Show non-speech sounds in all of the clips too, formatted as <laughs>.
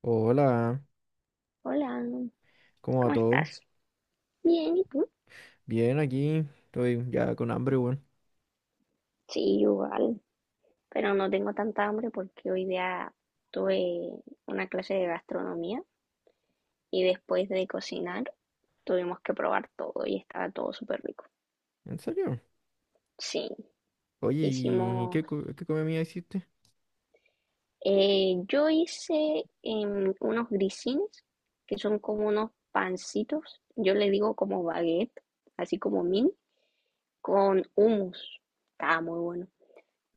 Hola, Hola, ¿cómo va ¿cómo todo? estás? Bien, ¿y tú? Bien, aquí estoy ya con hambre, weón. Sí, igual, pero no tengo tanta hambre porque hoy día tuve una clase de gastronomía y después de cocinar tuvimos que probar todo y estaba todo súper rico. ¿En serio? Sí, Oye, ¿y hicimos, qué comida hiciste? Yo hice unos grisines que son como unos pancitos, yo le digo como baguette, así como mini, con hummus. Estaba muy bueno.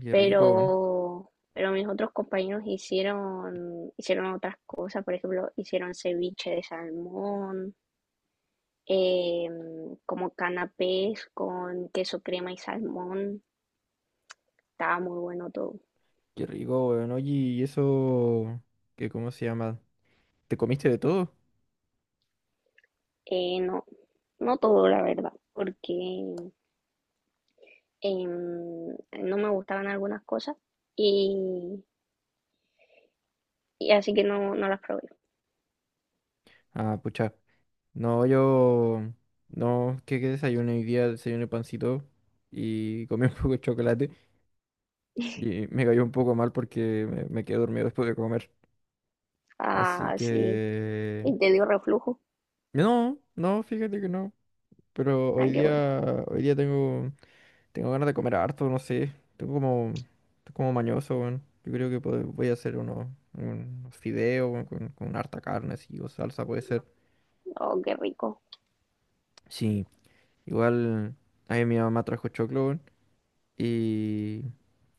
Qué rico, weón. Pero mis otros compañeros hicieron otras cosas, por ejemplo, hicieron ceviche de salmón, como canapés con queso crema y salmón, estaba muy bueno todo. Qué rico, weón. Oye, ¿y eso? ¿Qué, cómo se llama? ¿Te comiste de todo? No, no todo, la verdad, porque no me gustaban algunas cosas y, y así que no, no las probé. Ah, pucha. No, yo... No, ¿qué, qué desayuné hoy día? Desayuné pancito y comí <laughs> un poco de chocolate y me cayó un poco mal porque me quedé dormido después de comer. Así Ah, sí, que... y te dio reflujo. No, no, fíjate que no. Pero Ah, hoy qué bueno. día, hoy día tengo, tengo ganas de comer harto, no sé. Tengo como, estoy como mañoso, weón. Yo creo que voy a hacer unos, unos fideos, weón, con harta carne, así, o salsa puede ser. Oh, qué rico. Sí, igual ahí mi mamá trajo choclo, weón, y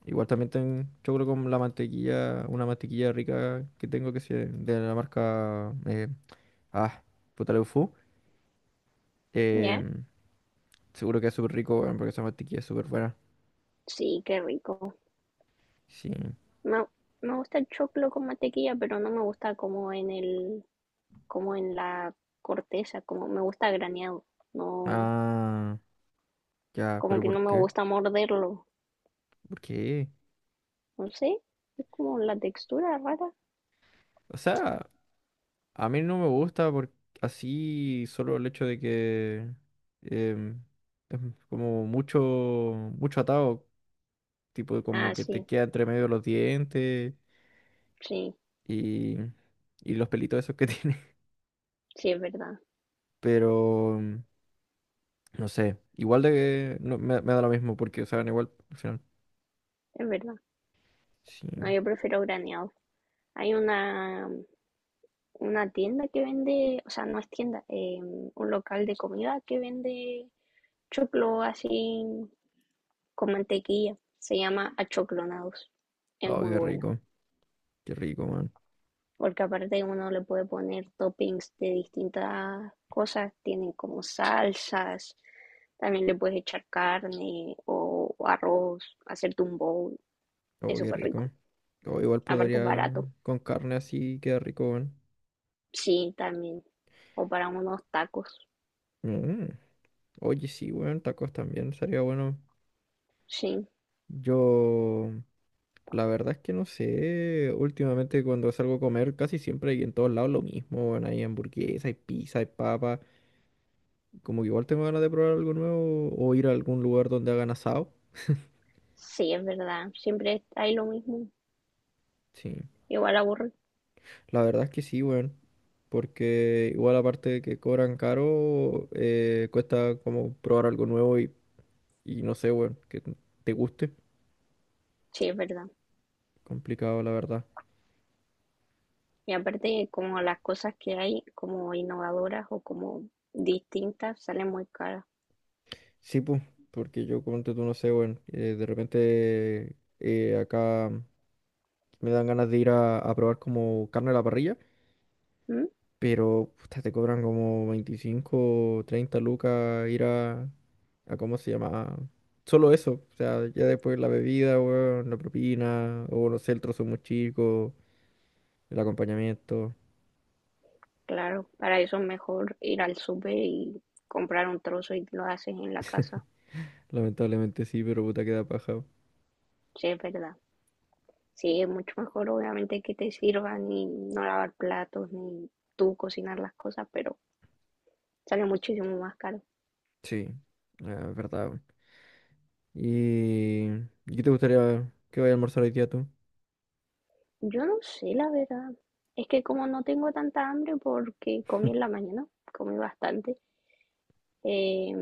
igual también tengo choclo con la mantequilla, una mantequilla rica que tengo que es de la marca, ah, puta Leufu. ¿Ya? Em, Seguro que es súper rico, weón, porque esa mantequilla es súper buena. Sí, qué rico. Sí. Me, me gusta el choclo con mantequilla, pero no me gusta como como en la corteza, como me gusta graneado. No, Ah. Ya, como pero que no ¿por me qué? gusta morderlo. ¿Por qué? No sé, es como la textura rara. O sea, a mí no me gusta por así solo el hecho de que em, es como mucho, mucho atado, tipo como Ah, que te sí, queda entre medio de los dientes sí, y, y los pelitos esos que <laughs> tiene. sí, es verdad, Pero no sé, igual de que no, me da lo mismo porque saben igual al final. es verdad. Sí. No, yo prefiero graneado. Hay una tienda que vende, o sea, no es tienda, un local de comida que vende choclo así con mantequilla. Se llama Achoclonados. Es Oh, muy bueno. Qué rico, man. Porque aparte uno le puede poner toppings de distintas cosas, tienen como salsas, también le puedes echar carne o arroz, hacerte un bowl, Oh, es qué súper rico. rico. Oh, igual Aparte es podría barato, con carne así queda rico, man. sí, también, o para unos tacos, Mm. Oye, sí, weón, tacos también, sería bueno. sí, Yo, la verdad es que no sé, últimamente cuando salgo a comer casi siempre hay en todos lados lo mismo, weón, hay hamburguesa, hay pizza, hay papa, como que igual tengo ganas de probar algo nuevo o ir a algún lugar donde hagan asado. sí, es verdad, siempre hay lo mismo, Sí, igual aburre, la verdad es que sí, weón, porque igual aparte de que cobran caro, cuesta como probar algo nuevo y no sé, weón, que te guste. sí, es verdad. Complicado, la verdad. Y aparte como las cosas que hay como innovadoras o como distintas salen muy caras. Sí, pues, porque yo como tú no sé, bueno, de repente acá me dan ganas de ir a probar como carne a la parrilla, ¿Mm? pero puta, te cobran como 25, 30 lucas ir a ¿cómo se llama? Solo eso, o sea, ya después la bebida, weón, la propina, o no sé, el trozo muy chico, el acompañamiento, Claro, para eso es mejor ir al súper y comprar un trozo y lo haces en la casa. lamentablemente sí, pero puta queda paja. Sí, es verdad. Sí, es mucho mejor obviamente que te sirvan y no lavar platos ni tú cocinar las cosas, pero sale muchísimo más caro. Sí, ah, es verdad, weón. ¿Y, ¿y qué te gustaría que vaya a almorzar hoy día tú? Yo no sé, la verdad. Es que como no tengo tanta hambre porque comí en la mañana, comí bastante, eh,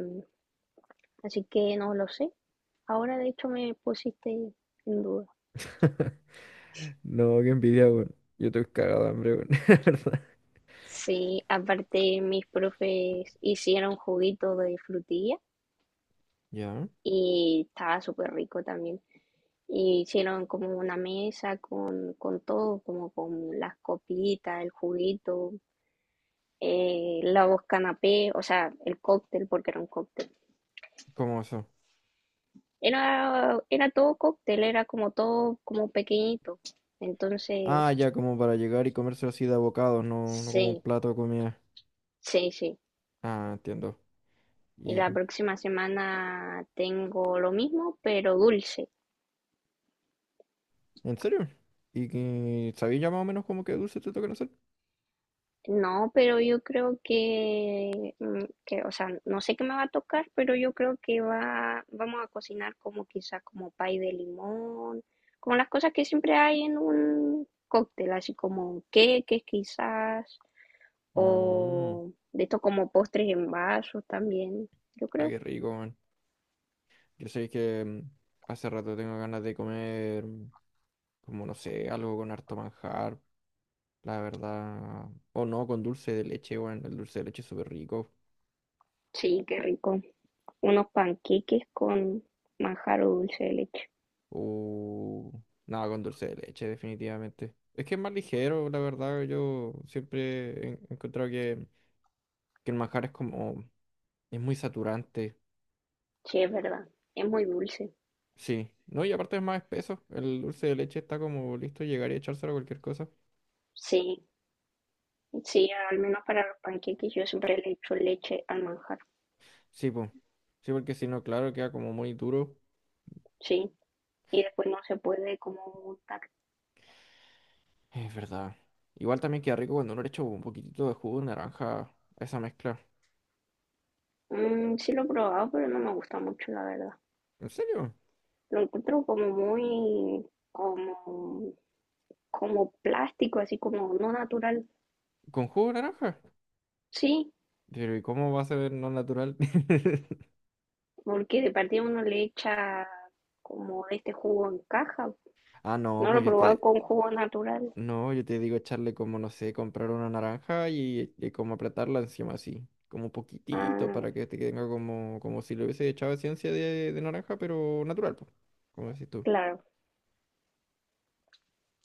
así que no lo sé. Ahora de hecho me pusiste en duda. No, qué envidia, weón. Yo estoy cagado de hambre, weón. <laughs> La verdad. Sí, aparte mis profes hicieron juguito de frutilla ¿Ya? y estaba súper rico también. Y hicieron como una mesa con todo, como con las copitas, el juguito, los canapés, o sea, el cóctel, porque era un cóctel. ¿Cómo eso? Era todo cóctel, era como todo como pequeñito. Entonces, Ah, ya, como para llegar y comerse así de bocados, no, no como un sí, plato de comida. sí, sí. Ah, entiendo. Y ¿Y la próxima semana tengo lo mismo, pero dulce. en serio? ¿Y que sabéis ya más o menos como que dulce te tocan hacer? No, pero yo creo que o sea, no sé qué me va a tocar, pero yo creo que vamos a cocinar como quizá como pay de limón, como las cosas que siempre hay en un cóctel, así como queques quizás, Mmm, o de esto como postres en vasos también, yo ah, creo. qué rico, man. Yo sé que hace rato tengo ganas de comer, como no sé, algo con harto manjar, la verdad. O no, con dulce de leche, bueno, el dulce de leche es súper rico. Sí, qué rico. Unos panqueques con manjar o dulce de leche. Uh, nada, con dulce de leche, definitivamente. Es que es más ligero, la verdad. Yo siempre he encontrado que el manjar es como... Es muy saturante. Sí, es verdad, es muy dulce. Sí. No, y aparte es más espeso. El dulce de leche está como listo, llegar y echárselo a cualquier cosa. Sí. Sí, al menos para los panqueques yo siempre le echo leche al manjar, Sí, pues. Sí, porque si no, claro, queda como muy duro. sí. Y después no se puede como untar. Es verdad. Igual también queda rico cuando uno le echa un poquitito de jugo de naranja a esa mezcla. Mm, sí lo he probado, pero no me gusta mucho, la verdad. ¿En serio? Lo encuentro como muy, como, como plástico, así como no natural. ¿Con jugo de naranja? Sí, Pero ¿y cómo va a ser no natural? <laughs> porque de partida uno le echa como de este jugo en caja. Ah, no, No lo he pues probado con jugo natural. no, yo te digo echarle como, no sé, comprar una naranja y como apretarla encima así, como un poquitito Ah, para que te tenga como, como si le hubiese echado esencia de naranja, pero natural, po, como decís tú. claro,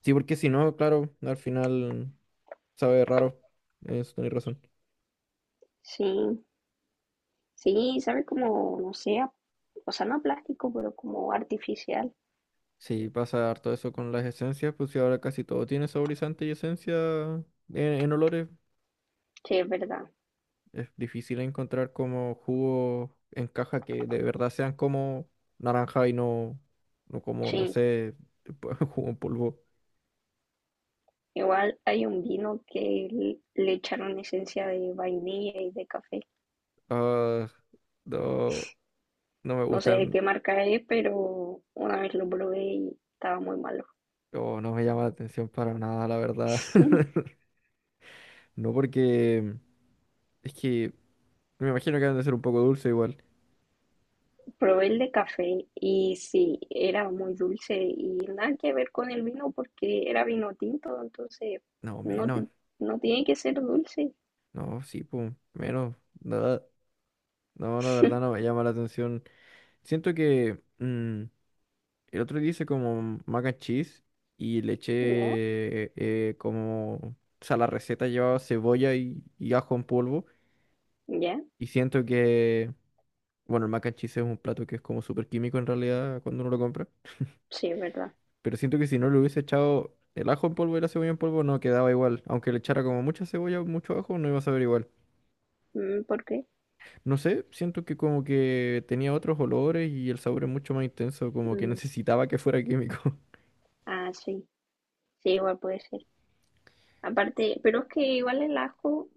Sí, porque si no, claro, al final sabe raro, eso tenés razón. sí. Sí, sabe como, no sé, o sea, no a plástico, pero como artificial. Sí, pasa harto eso con las esencias, pues si ahora casi todo tiene saborizante y esencia en, en olores. Sí, es verdad. Es difícil encontrar como jugos en caja que de verdad sean como naranja y no, no como, no Sí. sé, <laughs> jugo en polvo. Igual hay un vino que le echaron esencia de vainilla y de café. Ah, no, no me No sé de qué gustan, marca es, pero una vez lo probé y estaba muy malo. o no me llama la atención para nada, la verdad. <laughs> <laughs> No porque es que me, imagino que han de ser un poco dulce igual. Probé el de café y sí, era muy dulce y nada que ver con el vino porque era vino tinto, entonces No, no, menos. No tiene que ser dulce. No, sí, pum, menos. Nada. No, la verdad no me llama la atención. Siento que... el otro día hice como mac and cheese y le eché ¿Ya? Como... O sea, la receta llevaba cebolla y ajo en polvo. ¿Ya? Y siento que... Bueno, el mac and cheese es un plato que es como súper químico en realidad cuando uno lo compra. Sí, es verdad. Pero siento que si no le hubiese echado el ajo en polvo y la cebolla en polvo no quedaba igual. Aunque le echara como mucha cebolla o mucho ajo no iba a saber igual. Mm, ¿por qué? No sé, siento que como que tenía otros olores y el sabor es mucho más intenso. Como que Mm, necesitaba que fuera químico. <laughs> ah, sí. Sí, igual puede ser. Aparte, pero es que igual el ajo.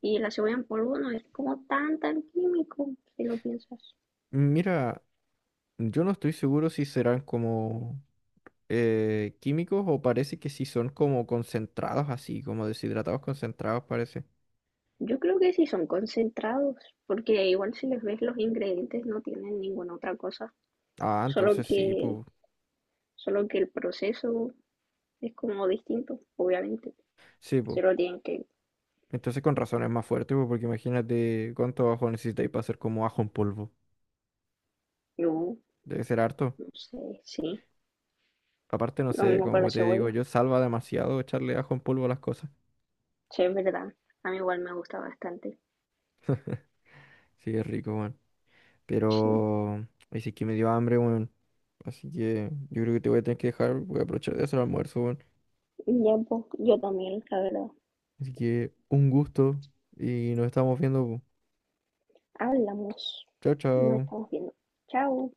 Y la cebolla en polvo no es como tan, tan químico, si lo piensas. Mira... Yo no estoy seguro si serán como químicos o parece que sí son como concentrados así, como deshidratados concentrados parece. Yo creo que sí son concentrados, porque igual si les ves los ingredientes no tienen ninguna otra cosa, Ah, solo entonces sí, que, pues, solo que el proceso es como distinto, obviamente. sí, pues. Se lo tienen que, Entonces con razón es más fuerte, pues, porque imagínate cuánto ajo necesitáis para hacer como ajo en polvo. yo Debe ser harto. no sé, sí, Aparte, no lo sé, mismo con la como te digo, cebolla, yo salva demasiado echarle ajo en polvo a las cosas. sí, es verdad, a mí igual me gusta bastante. Sí, es rico, weón. Sí, Pero, ay, sí que me dio hambre, weón. Así que yo creo que te voy a tener que dejar, voy a aprovechar de hacer el almuerzo, weón. ya, pues, yo también, la verdad. Así que un gusto y nos estamos viendo, po. Hablamos, Chao, nos chao. estamos viendo. Chao.